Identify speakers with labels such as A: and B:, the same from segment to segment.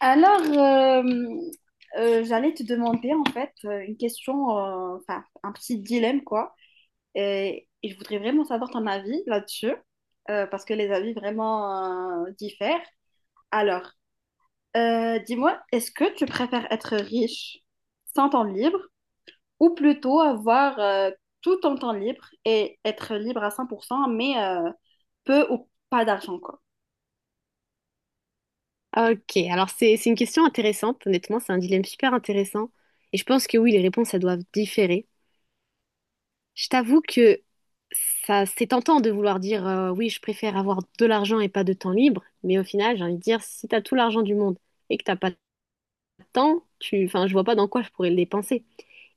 A: Alors, euh, j'allais te demander en fait une question, enfin un petit dilemme quoi, et je voudrais vraiment savoir ton avis là-dessus, parce que les avis vraiment diffèrent. Alors, Dis-moi, est-ce que tu préfères être riche sans temps libre ou plutôt avoir tout ton temps libre et être libre à 100% mais peu ou pas d'argent quoi?
B: Ok, alors c'est une question intéressante, honnêtement, c'est un dilemme super intéressant. Et je pense que oui, les réponses, elles doivent différer. Je t'avoue que ça, c'est tentant de vouloir dire oui, je préfère avoir de l'argent et pas de temps libre, mais au final, j'ai envie de dire, si t'as tout l'argent du monde et que t'as pas de temps, tu, enfin, je vois pas dans quoi je pourrais le dépenser.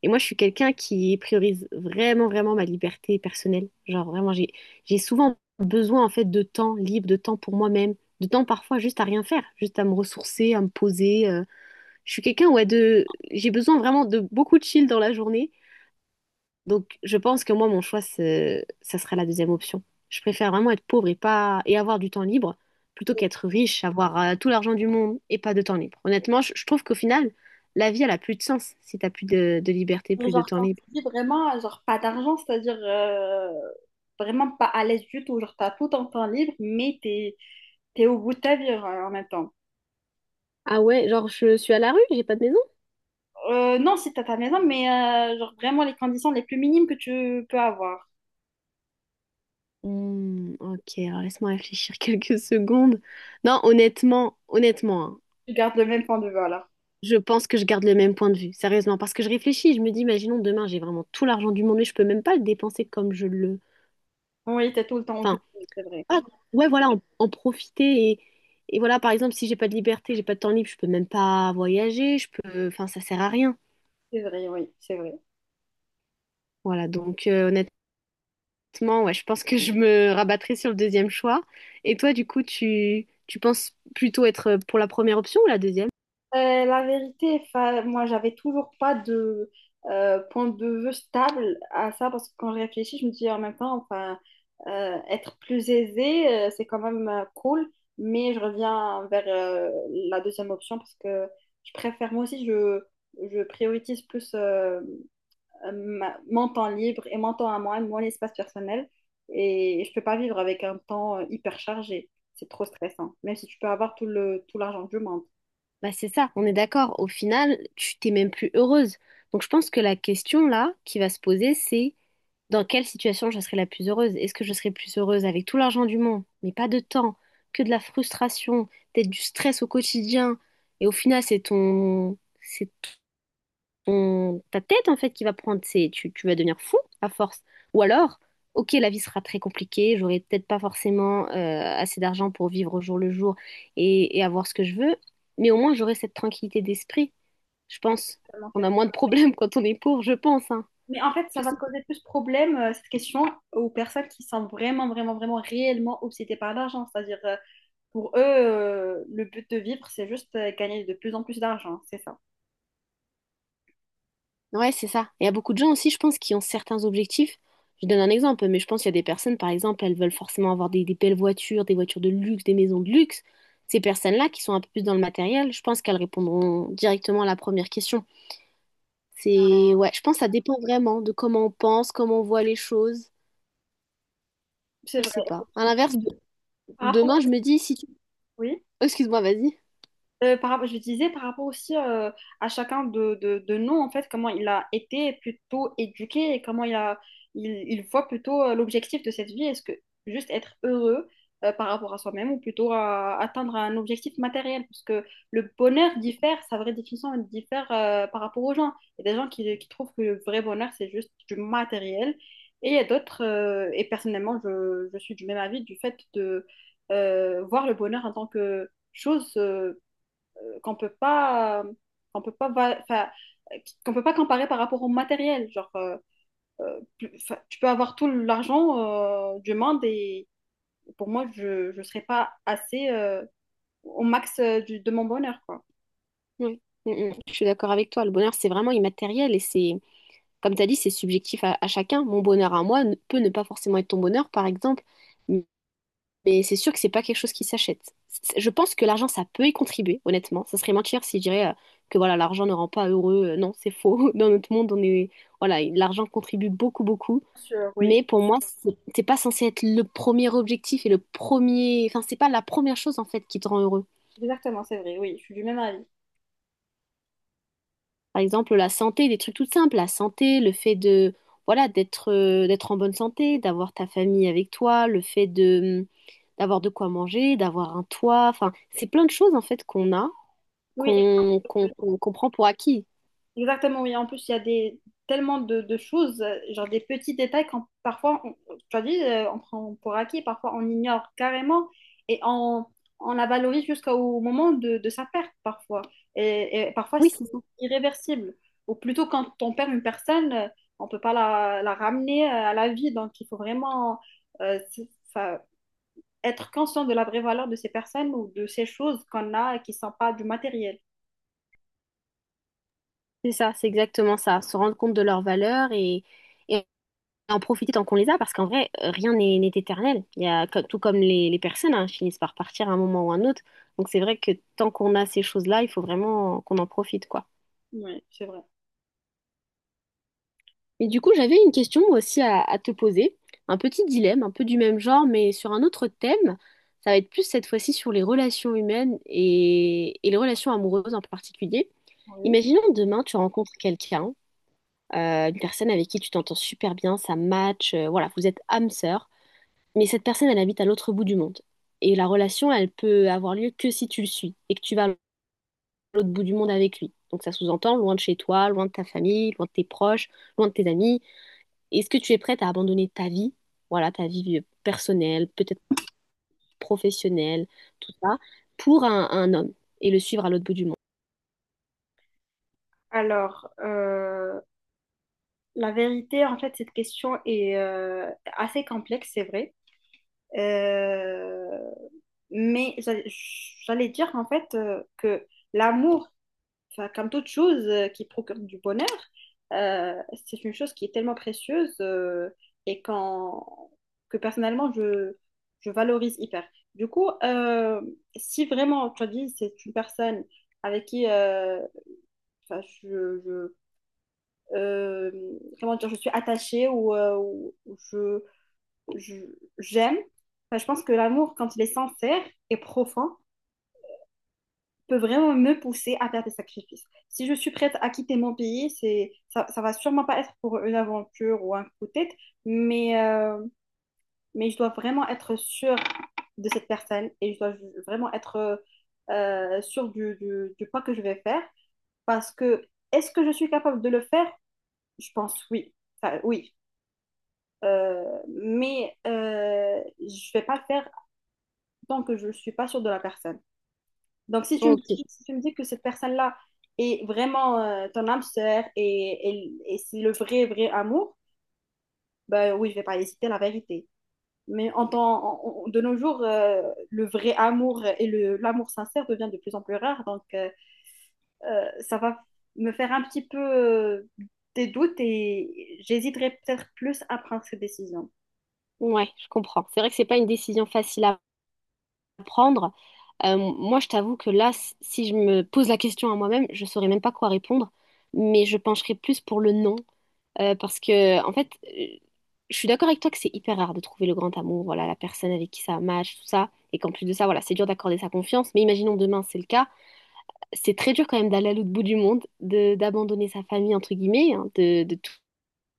B: Et moi, je suis quelqu'un qui priorise vraiment, vraiment ma liberté personnelle. Genre, vraiment, j'ai souvent besoin, en fait, de temps libre, de temps pour moi-même, de temps parfois juste à rien faire, juste à me ressourcer, à me poser. Je suis quelqu'un, ouais, de... J'ai besoin vraiment de beaucoup de chill dans la journée. Donc, je pense que moi, mon choix, ça sera la deuxième option. Je préfère vraiment être pauvre et pas... et avoir du temps libre plutôt qu'être riche, avoir tout l'argent du monde et pas de temps libre. Honnêtement, je trouve qu'au final, la vie, elle a plus de sens si t'as plus de liberté, plus de
A: Genre,
B: temps
A: quand tu
B: libre.
A: dis vraiment, genre, pas d'argent, c'est-à-dire vraiment pas à l'aise du tout. Genre, t'as tout ton temps libre, mais t'es au bout de ta vie en même temps.
B: Ah ouais, genre, je suis à la rue, j'ai pas de maison?
A: Non, si t'as ta maison, mais genre, vraiment les conditions les plus minimes que tu peux avoir.
B: Hmm, ok, alors laisse-moi réfléchir quelques secondes. Non, honnêtement, honnêtement, hein,
A: Tu gardes le même point de vue, alors.
B: je pense que je garde le même point de vue, sérieusement, parce que je réfléchis, je me dis, imaginons demain, j'ai vraiment tout l'argent du monde, mais je peux même pas le dépenser comme je le...
A: Oui, t'es tout le temps occupé,
B: Enfin,
A: c'est vrai.
B: voilà, ouais, voilà, en profiter et voilà, par exemple, si j'ai pas de liberté, j'ai pas de temps libre, je peux même pas voyager, je peux... Enfin, ça sert à rien.
A: C'est vrai, oui, c'est vrai.
B: Voilà, donc honnêtement, ouais, je pense que je me rabattrai sur le deuxième choix. Et toi, du coup, tu penses plutôt être pour la première option ou la deuxième?
A: La vérité, enfin, moi, j'avais toujours pas de point de vue stable à ça parce que quand je réfléchis, je me dis en même temps, enfin, être plus aisé, c'est quand même cool, mais je reviens vers la deuxième option parce que je préfère, moi aussi, je priorise plus mon temps libre et mon temps à moi, mon espace personnel, et je peux pas vivre avec un temps hyper chargé. C'est trop stressant, même si tu peux avoir tout l'argent du monde.
B: Bah c'est ça, on est d'accord. Au final, tu t'es même plus heureuse. Donc je pense que la question là qui va se poser, c'est dans quelle situation je serai la plus heureuse? Est-ce que je serai plus heureuse avec tout l'argent du monde, mais pas de temps, que de la frustration, peut-être du stress au quotidien, et au final c'est ton, ta tête en fait qui va prendre, tu vas devenir fou à force. Ou alors, ok, la vie sera très compliquée, j'aurai peut-être pas forcément assez d'argent pour vivre au jour le jour et avoir ce que je veux, mais au moins j'aurai cette tranquillité d'esprit, je pense.
A: Vraiment,
B: On a moins de problèmes quand on est pauvre, je pense, hein.
A: mais en fait, ça
B: Je
A: va
B: sais.
A: te causer plus de problèmes, cette question, aux personnes qui sont vraiment, vraiment, vraiment réellement obsédées par l'argent. C'est-à-dire, pour eux, le but de vivre, c'est juste gagner de plus en plus d'argent. C'est ça.
B: Ouais, c'est ça. Et il y a beaucoup de gens aussi, je pense, qui ont certains objectifs. Je donne un exemple, mais je pense qu'il y a des personnes, par exemple, elles veulent forcément avoir des belles voitures, des voitures de luxe, des maisons de luxe. Ces personnes-là qui sont un peu plus dans le matériel, je pense qu'elles répondront directement à la première question. C'est, ouais, je pense que ça dépend vraiment de comment on pense, comment on voit les choses.
A: C'est
B: Je sais
A: vrai.
B: pas. À l'inverse,
A: Par rapport...
B: demain, je
A: au-
B: me dis si tu...
A: Oui.
B: Oh, excuse-moi, vas-y.
A: Je disais par rapport aussi à chacun de nous, en fait, comment il a été plutôt éduqué et comment il voit plutôt l'objectif de cette vie. Est-ce que juste être heureux par rapport à soi-même ou plutôt à atteindre un objectif matériel? Parce que le bonheur diffère, sa vraie définition elle diffère par rapport aux gens. Il y a des gens qui trouvent que le vrai bonheur, c'est juste du matériel. Et il y a d'autres, et personnellement, je suis du même avis du fait de voir le bonheur en tant que chose. Qu'on peut pas, qu'on peut pas enfin, euh, qu'on peut pas comparer par rapport au matériel. Genre, enfin, tu peux avoir tout l'argent du monde et pour moi, je ne serais pas assez au max de mon bonheur, quoi.
B: Oui. Mm, mm. Je suis d'accord avec toi. Le bonheur, c'est vraiment immatériel et c'est... comme tu as dit, c'est subjectif à chacun. Mon bonheur à moi peut ne pas forcément être ton bonheur, par exemple, m- mais c'est sûr que c'est pas quelque chose qui s'achète. C'est- Je pense que l'argent, ça peut y contribuer, honnêtement. Ça serait mentir si je dirais que voilà, l'argent ne rend pas heureux. Non, c'est faux. Dans notre monde, on est voilà, l'argent contribue beaucoup, beaucoup.
A: Bien sûr, oui,
B: Mais pour moi, c'est pas censé être le premier objectif et le premier, enfin, c'est pas la première chose en fait qui te rend heureux.
A: exactement, c'est vrai, oui, je suis du même avis.
B: Par exemple, la santé, des trucs tout simples, la santé, le fait de, voilà, d'être en bonne santé, d'avoir ta famille avec toi, le fait de, mm, d'avoir de quoi manger, d'avoir un toit, enfin, c'est plein de choses en fait qu'on a,
A: Oui.
B: qu'on prend pour acquis.
A: Exactement, oui. En plus, il y a des, tellement de choses, genre des petits détails tu as dit, on prend pour acquis, parfois on ignore carrément et on la valorise jusqu'au moment de sa perte parfois. Et parfois, c'est
B: Oui, c'est ça.
A: irréversible. Ou plutôt, quand on perd une personne, on ne peut pas la ramener à la vie. Donc, il faut vraiment euh, c'est- ça- être conscient de la vraie valeur de ces personnes ou de ces choses qu'on a et qui ne sont pas du matériel.
B: C'est ça, c'est exactement ça. Se rendre compte de leurs valeurs et en profiter tant qu'on les a, parce qu'en vrai, rien n'est éternel. Il y a, tout comme les personnes, hein, finissent par partir à un moment ou un autre. Donc c'est vrai que tant qu'on a ces choses-là, il faut vraiment qu'on en profite, quoi.
A: Oui, c'est vrai.
B: Et du coup, j'avais une question moi aussi à te poser, un petit dilemme, un peu du même genre, mais sur un autre thème. Ça va être plus cette fois-ci sur les relations humaines et les relations amoureuses en particulier.
A: Oui.
B: Imaginons demain, tu rencontres quelqu'un, une personne avec qui tu t'entends super bien, ça match, voilà, vous êtes âme sœur, mais cette personne, elle habite à l'autre bout du monde. Et la relation, elle peut avoir lieu que si tu le suis et que tu vas à l'autre bout du monde avec lui. Donc ça sous-entend loin de chez toi, loin de ta famille, loin de tes proches, loin de tes amis est-ce que tu es prête à abandonner ta vie, voilà, ta vie personnelle, peut-être professionnelle, tout ça, pour un homme et le suivre à l'autre bout du monde?
A: Alors, la vérité, en fait, cette question est assez complexe, c'est vrai. Euh, mais j'a- J'allais dire, en fait, que l'amour, enfin, comme toute chose qui procure du bonheur, euh, c'est une chose qui est tellement précieuse et que personnellement, je valorise hyper. Du coup, si vraiment, tu as dit, c'est une personne avec qui, enfin, euh, comment dire, je suis attachée ou, ou je- j'aime. Enfin, je pense que l'amour, quand il est sincère et profond, peut vraiment me pousser à faire des sacrifices. Si je suis prête à quitter mon pays, ça va sûrement pas être pour une aventure ou un coup de tête, mais, euh, mais je dois vraiment être sûre de cette personne et je dois vraiment être sûre du pas que je vais faire parce que est-ce que je suis capable de le faire? Je pense oui. Enfin, oui. Euh, mais je vais pas le faire tant que je ne suis pas sûre de la personne. Donc,
B: Ok,
A: si tu me dis que cette personne-là est vraiment ton âme sœur et c'est le vrai, vrai amour, ben oui, je vais pas hésiter, la vérité. Mais en temps, en- en- de nos jours, le vrai amour et l'amour sincère devient de plus en plus rare. Donc, ça va me faire un petit peu des doutes et j'hésiterai peut-être plus à prendre cette décision.
B: ouais, je comprends. C'est vrai que c'est pas une décision facile à prendre. Moi, je t'avoue que là, si je me pose la question à moi-même, je saurais même pas quoi répondre, mais je pencherais plus pour le non, parce que en fait, je suis d'accord avec toi que c'est hyper rare de trouver le grand amour, voilà, la personne avec qui ça match, tout ça, et qu'en plus de ça, voilà, c'est dur d'accorder sa confiance. Mais imaginons demain, c'est le cas. C'est très dur quand même d'aller à l'autre bout du monde, de d'abandonner sa famille, entre guillemets, hein, de tout,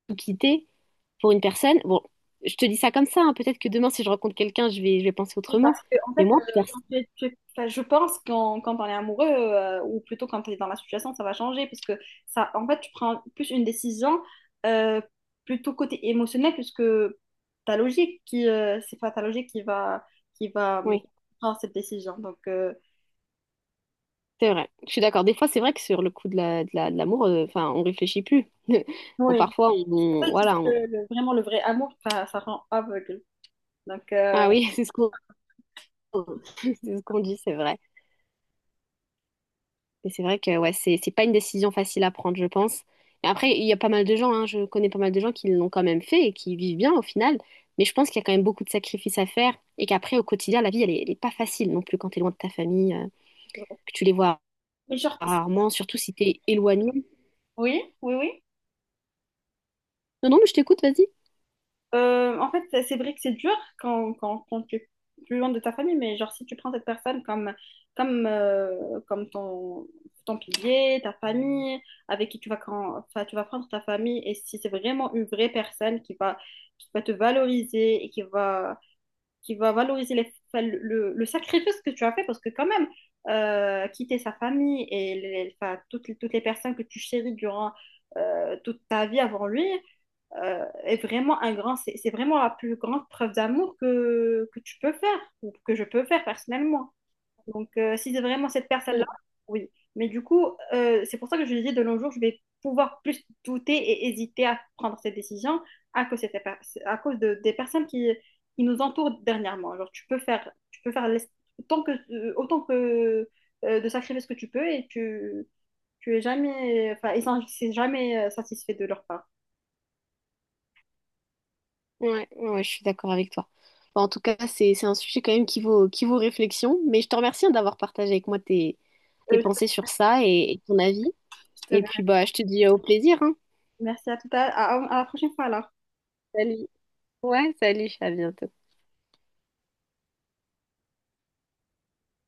B: tout quitter pour une personne. Bon, je te dis ça comme ça, hein, peut-être que demain, si je rencontre quelqu'un, je vais penser
A: Oui,
B: autrement.
A: parce que, en
B: Mais
A: fait,
B: moi, personne.
A: quand tu es- enfin, je pense quand on est amoureux, ou plutôt quand tu es dans la situation, ça va changer. Parce que, ça, en fait, tu prends plus une décision euh, plutôt côté émotionnel, puisque c'est pas ta logique qui va
B: Oui,
A: prendre cette décision. Donc,
B: c'est vrai. Je suis d'accord. Des fois, c'est vrai que sur le coup de la, de l'amour, enfin, on réfléchit plus. Bon,
A: oui.
B: parfois,
A: C'est pour ça que je dis
B: voilà.
A: que le- vraiment le vrai amour, ça rend aveugle. Donc,
B: Ah oui, c'est ce qu'on c'est ce qu'on dit, c'est vrai. Mais c'est vrai que ouais, c'est pas une décision facile à prendre, je pense. Et après, il y a pas mal de gens, hein, je connais pas mal de gens qui l'ont quand même fait et qui vivent bien au final. Mais je pense qu'il y a quand même beaucoup de sacrifices à faire et qu'après, au quotidien, la vie, elle est pas facile non plus quand t'es loin de ta famille, que tu les vois
A: mais genre, si,
B: rarement, surtout si t'es éloigné.
A: oui, oui, oui.
B: Non, non, mais je t'écoute, vas-y.
A: En fait, c'est vrai que c'est dur quand tu es plus loin de ta famille, mais genre si tu prends cette personne comme ton pilier, ta famille, avec qui tu enfin, tu vas prendre ta famille, et si c'est vraiment une vraie personne qui va te valoriser et qui va valoriser enfin, le sacrifice que tu as fait, parce que quand même, quitter sa famille et enfin, toutes les personnes que tu chéris durant toute ta vie avant lui, est vraiment un grand, c'est vraiment la plus grande preuve d'amour que tu peux faire, ou que je peux faire personnellement. Donc, si c'est vraiment cette personne-là,
B: Mm.
A: oui. Mais du coup, c'est pour ça que je dis de nos jours, je vais pouvoir plus douter et hésiter à prendre cette décision à cause, de cette per- à cause des personnes qui nous entourent dernièrement. Genre, tu peux faire autant que, de sacrifier ce que tu peux et tu es jamais, enfin, c'est jamais satisfait de leur part.
B: Ouais, ouais, ouais, je suis d'accord avec toi. Bon, en tout cas, c'est un sujet quand même qui vaut réflexion, mais je te remercie hein, d'avoir partagé avec moi tes, tes
A: Euh,
B: pensées sur ça et ton avis.
A: je
B: Et
A: te
B: puis, bah, je te dis au plaisir, hein.
A: Merci à à la prochaine fois alors.
B: Salut. Ouais, salut, à bientôt.